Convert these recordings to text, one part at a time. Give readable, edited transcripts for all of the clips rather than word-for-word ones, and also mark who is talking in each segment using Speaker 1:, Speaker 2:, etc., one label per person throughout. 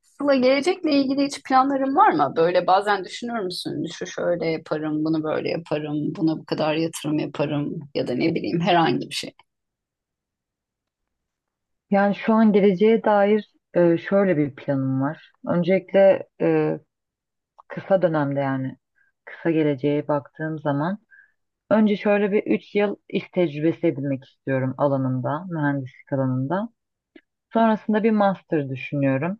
Speaker 1: Sıla, gelecekle ilgili hiç planların var mı? Böyle bazen düşünür müsün? Şu şöyle yaparım, bunu böyle yaparım, buna bu kadar yatırım yaparım ya da ne bileyim herhangi bir şey.
Speaker 2: Yani şu an geleceğe dair şöyle bir planım var. Öncelikle kısa dönemde yani kısa geleceğe baktığım zaman önce şöyle bir 3 yıl iş tecrübesi edinmek istiyorum alanında, mühendislik alanında. Sonrasında bir master düşünüyorum.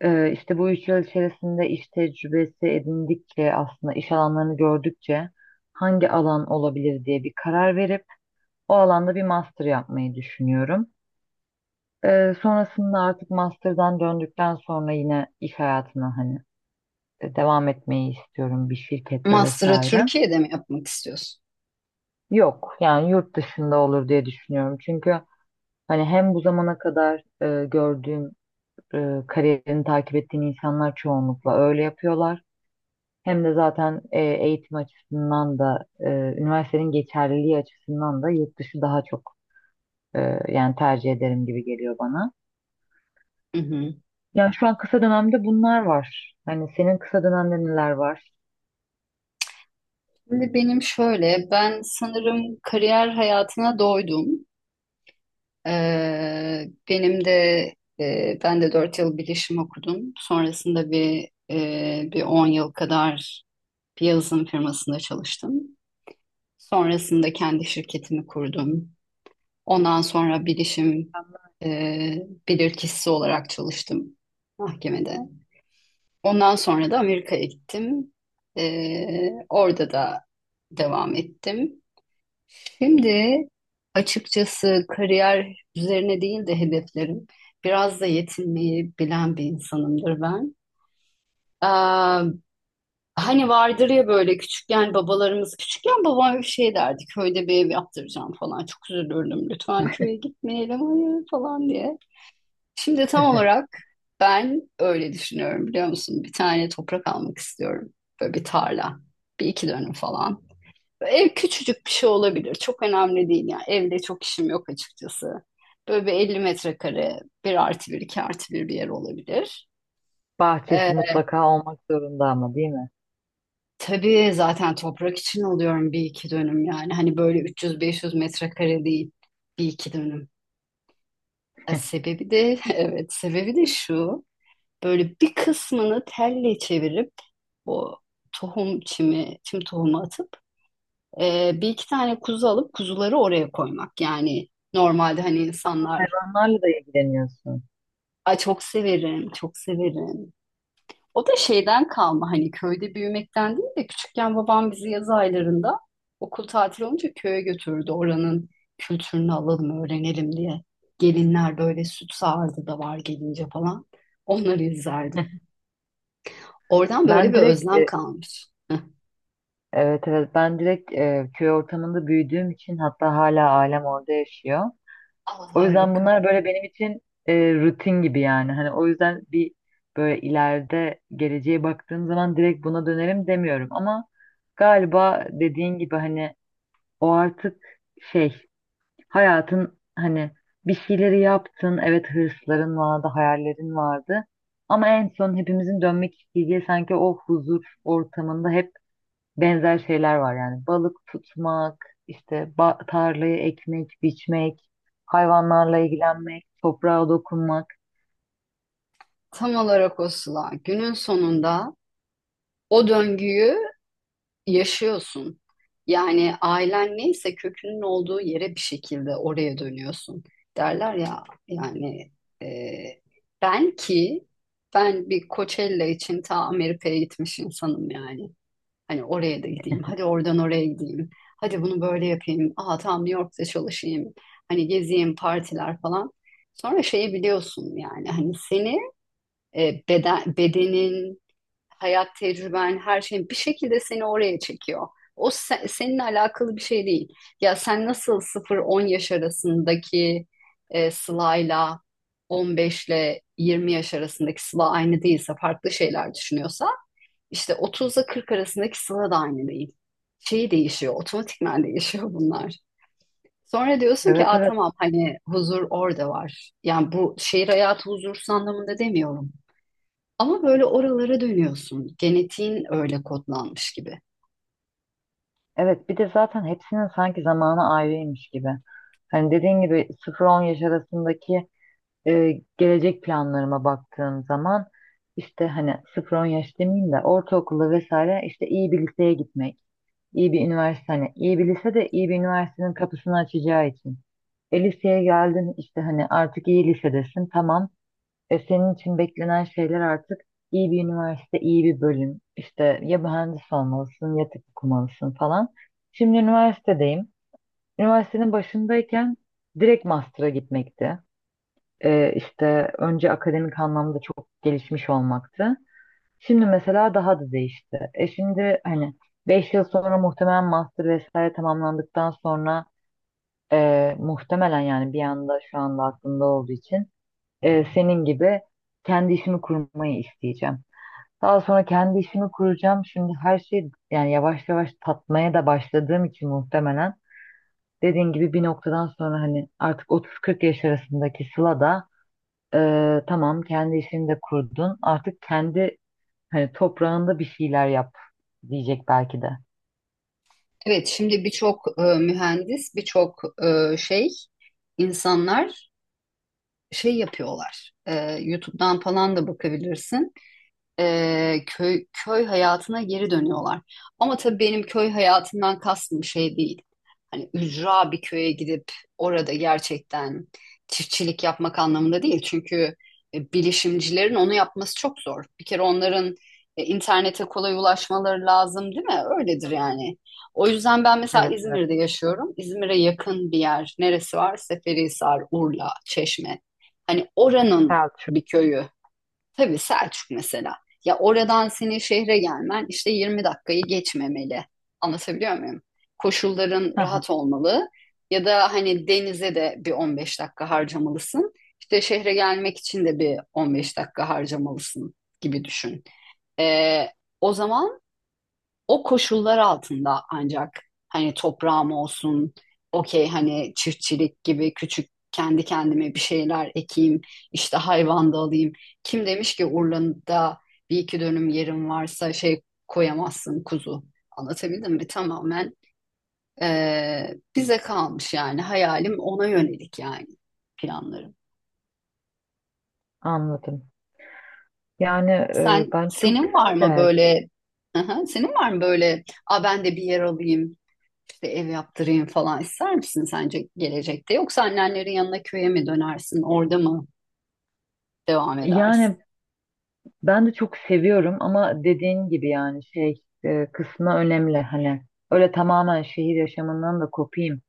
Speaker 2: İşte bu 3 yıl içerisinde iş tecrübesi edindikçe aslında iş alanlarını gördükçe hangi alan olabilir diye bir karar verip o alanda bir master yapmayı düşünüyorum. Sonrasında artık master'dan döndükten sonra yine iş hayatına hani devam etmeyi istiyorum bir şirkette
Speaker 1: Master'ı
Speaker 2: vesaire.
Speaker 1: Türkiye'de mi yapmak istiyorsun?
Speaker 2: Yok yani yurt dışında olur diye düşünüyorum. Çünkü hani hem bu zamana kadar gördüğüm kariyerini takip ettiğim insanlar çoğunlukla öyle yapıyorlar. Hem de zaten eğitim açısından da üniversitenin geçerliliği açısından da yurt dışı daha çok e, yani tercih ederim gibi geliyor bana.
Speaker 1: Hı hı.
Speaker 2: Ya şu an kısa dönemde bunlar var. Hani senin kısa dönemde neler var?
Speaker 1: Şimdi benim şöyle, ben sanırım kariyer hayatına doydum. Benim de ben de 4 yıl bilişim okudum. Sonrasında bir 10 yıl kadar bir yazılım firmasında çalıştım. Sonrasında kendi şirketimi kurdum. Ondan sonra bilişim e, bilirkişisi olarak çalıştım mahkemede. Ondan sonra da Amerika'ya gittim. Orada da devam ettim. Şimdi açıkçası kariyer üzerine değil de hedeflerim. Biraz da yetinmeyi bilen bir insanımdır ben. Aa, Hani vardır ya böyle küçükken babalarımız küçükken babam bir şey derdi, köyde bir ev yaptıracağım falan, çok üzülürdüm, lütfen köye gitmeyelim hayır falan diye. Şimdi tam olarak ben öyle düşünüyorum biliyor musun? Bir tane toprak almak istiyorum. Böyle bir tarla. Bir iki dönüm falan. Ev küçücük bir şey olabilir. Çok önemli değil yani. Evde çok işim yok açıkçası. Böyle bir 50 metrekare, bir artı bir, iki artı bir bir yer olabilir. Ee,
Speaker 2: Bahçesi mutlaka olmak zorunda ama değil mi?
Speaker 1: tabii zaten toprak için alıyorum, bir iki dönüm yani. Hani böyle 300-500 metrekare değil. Bir iki dönüm. Sebebi de, evet sebebi de şu. Böyle bir kısmını telle çevirip o çim tohumu atıp bir iki tane kuzu alıp kuzuları oraya koymak. Yani normalde hani insanlar...
Speaker 2: Hayvanlarla da ilgileniyorsun.
Speaker 1: Ay, çok severim, çok severim. O da şeyden kalma, hani köyde büyümekten değil de küçükken babam bizi yaz aylarında okul tatili olunca köye götürdü. Oranın kültürünü alalım, öğrenelim diye. Gelinler böyle süt sağardı da var gelince falan. Onları izlerdim. Oradan
Speaker 2: Ben
Speaker 1: böyle bir
Speaker 2: direkt
Speaker 1: özlem kalmış.
Speaker 2: evet evet, ben direkt köy ortamında büyüdüğüm için, hatta hala ailem orada yaşıyor.
Speaker 1: Aa,
Speaker 2: O yüzden
Speaker 1: harika.
Speaker 2: bunlar böyle benim için rutin gibi yani. Hani o yüzden bir böyle ileride geleceğe baktığım zaman direkt buna dönerim demiyorum ama galiba dediğin gibi hani o artık şey. Hayatın hani bir şeyleri yaptın. Evet, hırsların vardı, hayallerin vardı. Ama en son hepimizin dönmek isteyeceği sanki o huzur ortamında hep benzer şeyler var. Yani balık tutmak, işte ba- tarlayı ekmek, biçmek, hayvanlarla ilgilenmek, toprağa dokunmak.
Speaker 1: Tam olarak o Sıla. Günün sonunda o döngüyü yaşıyorsun. Yani ailen neyse, kökünün olduğu yere bir şekilde oraya dönüyorsun. Derler ya yani, e, ben ki ben bir Coachella için ta Amerika'ya gitmiş insanım yani. Hani oraya da gideyim. Hadi oradan oraya gideyim. Hadi bunu böyle yapayım. Aa, tam New York'ta çalışayım. Hani gezeyim, partiler falan. Sonra şeyi biliyorsun yani, hani seni bedenin, hayat tecrüben, her şeyin bir şekilde seni oraya çekiyor. Seninle alakalı bir şey değil. Ya sen nasıl sıfır on yaş arasındaki Sıla'yla 15 ile 20 yaş arasındaki Sıla aynı değilse, farklı şeyler düşünüyorsa, işte 30 ile 40 arasındaki Sıla da aynı değil. Şey değişiyor, otomatikman değişiyor bunlar. Sonra diyorsun ki,
Speaker 2: Evet,
Speaker 1: aa,
Speaker 2: evet.
Speaker 1: tamam hani huzur orada var. Yani bu şehir hayatı huzursuz anlamında demiyorum. Ama böyle oralara dönüyorsun. Genetiğin öyle kodlanmış gibi.
Speaker 2: Evet, bir de zaten hepsinin sanki zamanı ayrıymış gibi. Hani dediğin gibi 0-10 yaş arasındaki gelecek planlarıma baktığım zaman işte hani 0-10 yaş demeyeyim de ortaokula vesaire, işte iyi bir liseye gitmek, iyi bir üniversite, hani iyi bir lise de iyi bir üniversitenin kapısını açacağı için. E, liseye geldin, işte hani artık iyi lisedesin, tamam. E, senin için beklenen şeyler artık iyi bir üniversite, iyi bir bölüm. İşte ya mühendis olmalısın ya tıp okumalısın falan. Şimdi üniversitedeyim. Üniversitenin başındayken direkt master'a gitmekti, işte önce akademik anlamda çok gelişmiş olmaktı. Şimdi mesela daha da değişti. E, şimdi hani 5 yıl sonra muhtemelen master vesaire tamamlandıktan sonra muhtemelen yani bir anda şu anda aklımda olduğu için senin gibi kendi işimi kurmayı isteyeceğim. Daha sonra kendi işimi kuracağım. Şimdi her şey yani yavaş yavaş tatmaya da başladığım için muhtemelen dediğin gibi bir noktadan sonra hani artık 30-40 yaş arasındaki Sıla da tamam, kendi işini de kurdun. Artık kendi hani toprağında bir şeyler yap diyecek belki de.
Speaker 1: Evet, şimdi birçok mühendis, e, şey, insanlar şey yapıyorlar. YouTube'dan falan da bakabilirsin. Köy hayatına geri dönüyorlar. Ama tabii benim köy hayatından kastım şey değil. Hani ücra bir köye gidip orada gerçekten çiftçilik yapmak anlamında değil. Çünkü bilişimcilerin onu yapması çok zor. Bir kere onların internete kolay ulaşmaları lazım, değil mi? Öyledir yani. O yüzden ben mesela
Speaker 2: Evet, evet.
Speaker 1: İzmir'de yaşıyorum. İzmir'e yakın bir yer neresi var? Seferihisar, Urla, Çeşme. Hani oranın
Speaker 2: Selçuk.
Speaker 1: bir köyü. Tabii Selçuk mesela. Ya oradan senin şehre gelmen işte 20 dakikayı geçmemeli. Anlatabiliyor muyum? Koşulların
Speaker 2: Hı hı.
Speaker 1: rahat olmalı, ya da hani denize de bir 15 dakika harcamalısın. İşte şehre gelmek için de bir 15 dakika harcamalısın gibi düşün. Ee, O zaman o koşullar altında ancak hani toprağım olsun, okey hani çiftçilik gibi küçük kendi kendime bir şeyler ekeyim, işte hayvan da alayım. Kim demiş ki Urla'da bir iki dönüm yerim varsa şey, koyamazsın kuzu. Anlatabildim mi? Tamamen bize kalmış yani, hayalim ona yönelik yani, planlarım.
Speaker 2: Anladım. Yani
Speaker 1: Sen
Speaker 2: bence çok
Speaker 1: senin var
Speaker 2: güzel bir
Speaker 1: mı
Speaker 2: el.
Speaker 1: böyle... Aha, senin var mı böyle, a ben de bir yer alayım işte ev yaptırayım falan ister misin sence gelecekte, yoksa annenlerin yanına köye mi dönersin orada mı devam
Speaker 2: Yani
Speaker 1: edersin?
Speaker 2: ben de çok seviyorum ama dediğin gibi yani şey, kısmı önemli. Hani öyle tamamen şehir yaşamından da kopayım,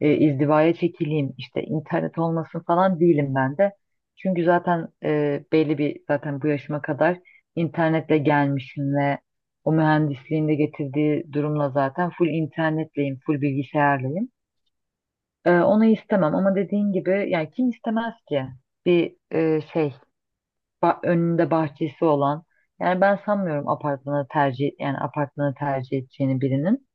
Speaker 2: izdivaya çekileyim, işte internet olmasın falan değilim ben de. Çünkü zaten belli bir zaten bu yaşıma kadar internetle gelmişim ve o mühendisliğin de getirdiği durumla zaten full internetleyim, full bilgisayarlıyım. E, onu istemem ama dediğin gibi yani kim istemez ki bir şey ba- önünde bahçesi olan. Yani ben sanmıyorum apartmanı tercih, yani apartmanı tercih edeceğini birinin.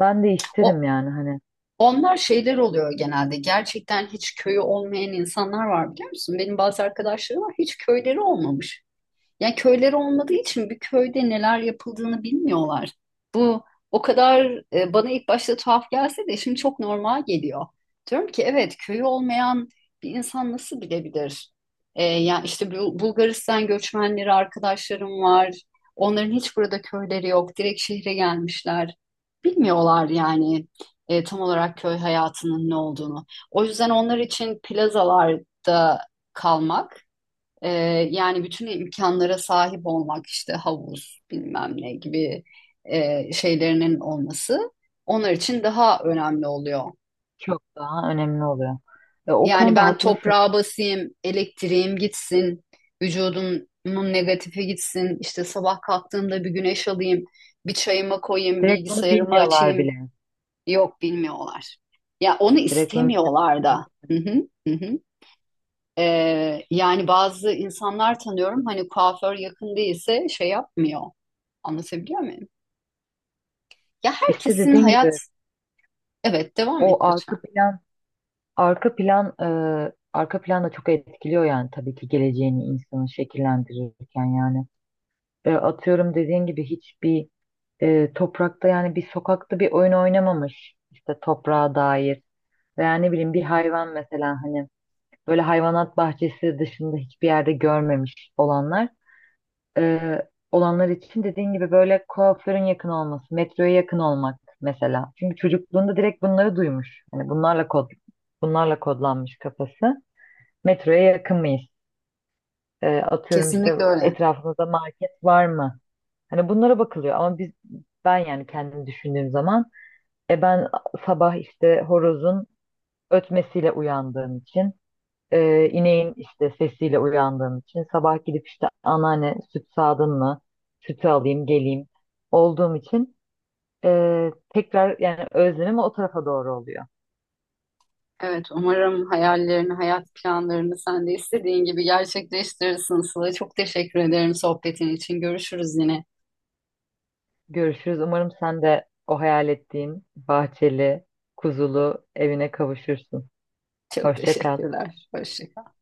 Speaker 2: Ben de
Speaker 1: O
Speaker 2: isterim yani hani
Speaker 1: onlar şeyler oluyor genelde, gerçekten hiç köyü olmayan insanlar var biliyor musun? Benim bazı arkadaşlarım var, hiç köyleri olmamış. Yani köyleri olmadığı için bir köyde neler yapıldığını bilmiyorlar. Bu o kadar, bana ilk başta tuhaf gelse de şimdi çok normal geliyor. Diyorum ki evet, köyü olmayan bir insan nasıl bilebilir? Yani işte Bulgaristan göçmenleri arkadaşlarım var. Onların hiç burada köyleri yok. Direkt şehre gelmişler. Bilmiyorlar yani tam olarak köy hayatının ne olduğunu. O yüzden onlar için plazalarda kalmak, ee, yani bütün imkanlara sahip olmak, işte havuz bilmem ne gibi şeylerinin olması onlar için daha önemli oluyor.
Speaker 2: çok daha önemli oluyor. Ve o
Speaker 1: Yani
Speaker 2: konuda
Speaker 1: ben
Speaker 2: haklısın.
Speaker 1: toprağa basayım, elektriğim gitsin, vücudumun negatifi gitsin, işte sabah kalktığımda bir güneş alayım, bir çayıma koyayım,
Speaker 2: Direkt bunu
Speaker 1: bilgisayarımı
Speaker 2: bilmiyorlar
Speaker 1: açayım.
Speaker 2: bile.
Speaker 1: Yok, bilmiyorlar. Ya onu
Speaker 2: Direkt bunu ne demek
Speaker 1: istemiyorlar
Speaker 2: olduğunu
Speaker 1: da. Hı
Speaker 2: bilmiyorlar.
Speaker 1: hı, hı hı. Yani bazı insanlar tanıyorum, hani kuaför yakın değilse şey yapmıyor. Anlatabiliyor muyum? Ya
Speaker 2: İşte
Speaker 1: herkesin
Speaker 2: dediğin
Speaker 1: hayat...
Speaker 2: gibi
Speaker 1: Evet, devam
Speaker 2: o
Speaker 1: et lütfen.
Speaker 2: arka plan, arka plan e, arka plan da çok etkiliyor yani, tabii ki geleceğini, insanı şekillendirirken yani. E, atıyorum, dediğin gibi hiçbir toprakta, yani bir sokakta bir oyun oynamamış, işte toprağa dair veya ne bileyim bir hayvan mesela hani böyle hayvanat bahçesi dışında hiçbir yerde görmemiş e, olanlar için dediğin gibi böyle kuaförün yakın olması, metroya yakın olmak mesela. Çünkü çocukluğunda direkt bunları duymuş. Yani bunlarla kod, bunlarla kodlanmış kafası. Metroya yakın mıyız? E, atıyorum işte
Speaker 1: Kesinlikle öyle.
Speaker 2: etrafımızda market var mı? Hani bunlara bakılıyor ama ben yani kendimi düşündüğüm zaman ben sabah işte horozun ötmesiyle uyandığım için, ineğin işte sesiyle uyandığın için, sabah gidip işte anneanne süt sağdın mı sütü alayım geleyim olduğum için tekrar yani özlemim o tarafa doğru oluyor.
Speaker 1: Evet, umarım hayallerini, hayat planlarını sen de istediğin gibi gerçekleştirirsin Sıla. Çok teşekkür ederim sohbetin için. Görüşürüz yine.
Speaker 2: Görüşürüz. Umarım sen de o hayal ettiğin bahçeli, kuzulu evine kavuşursun.
Speaker 1: Çok
Speaker 2: Hoşça kal.
Speaker 1: teşekkürler. Hoşça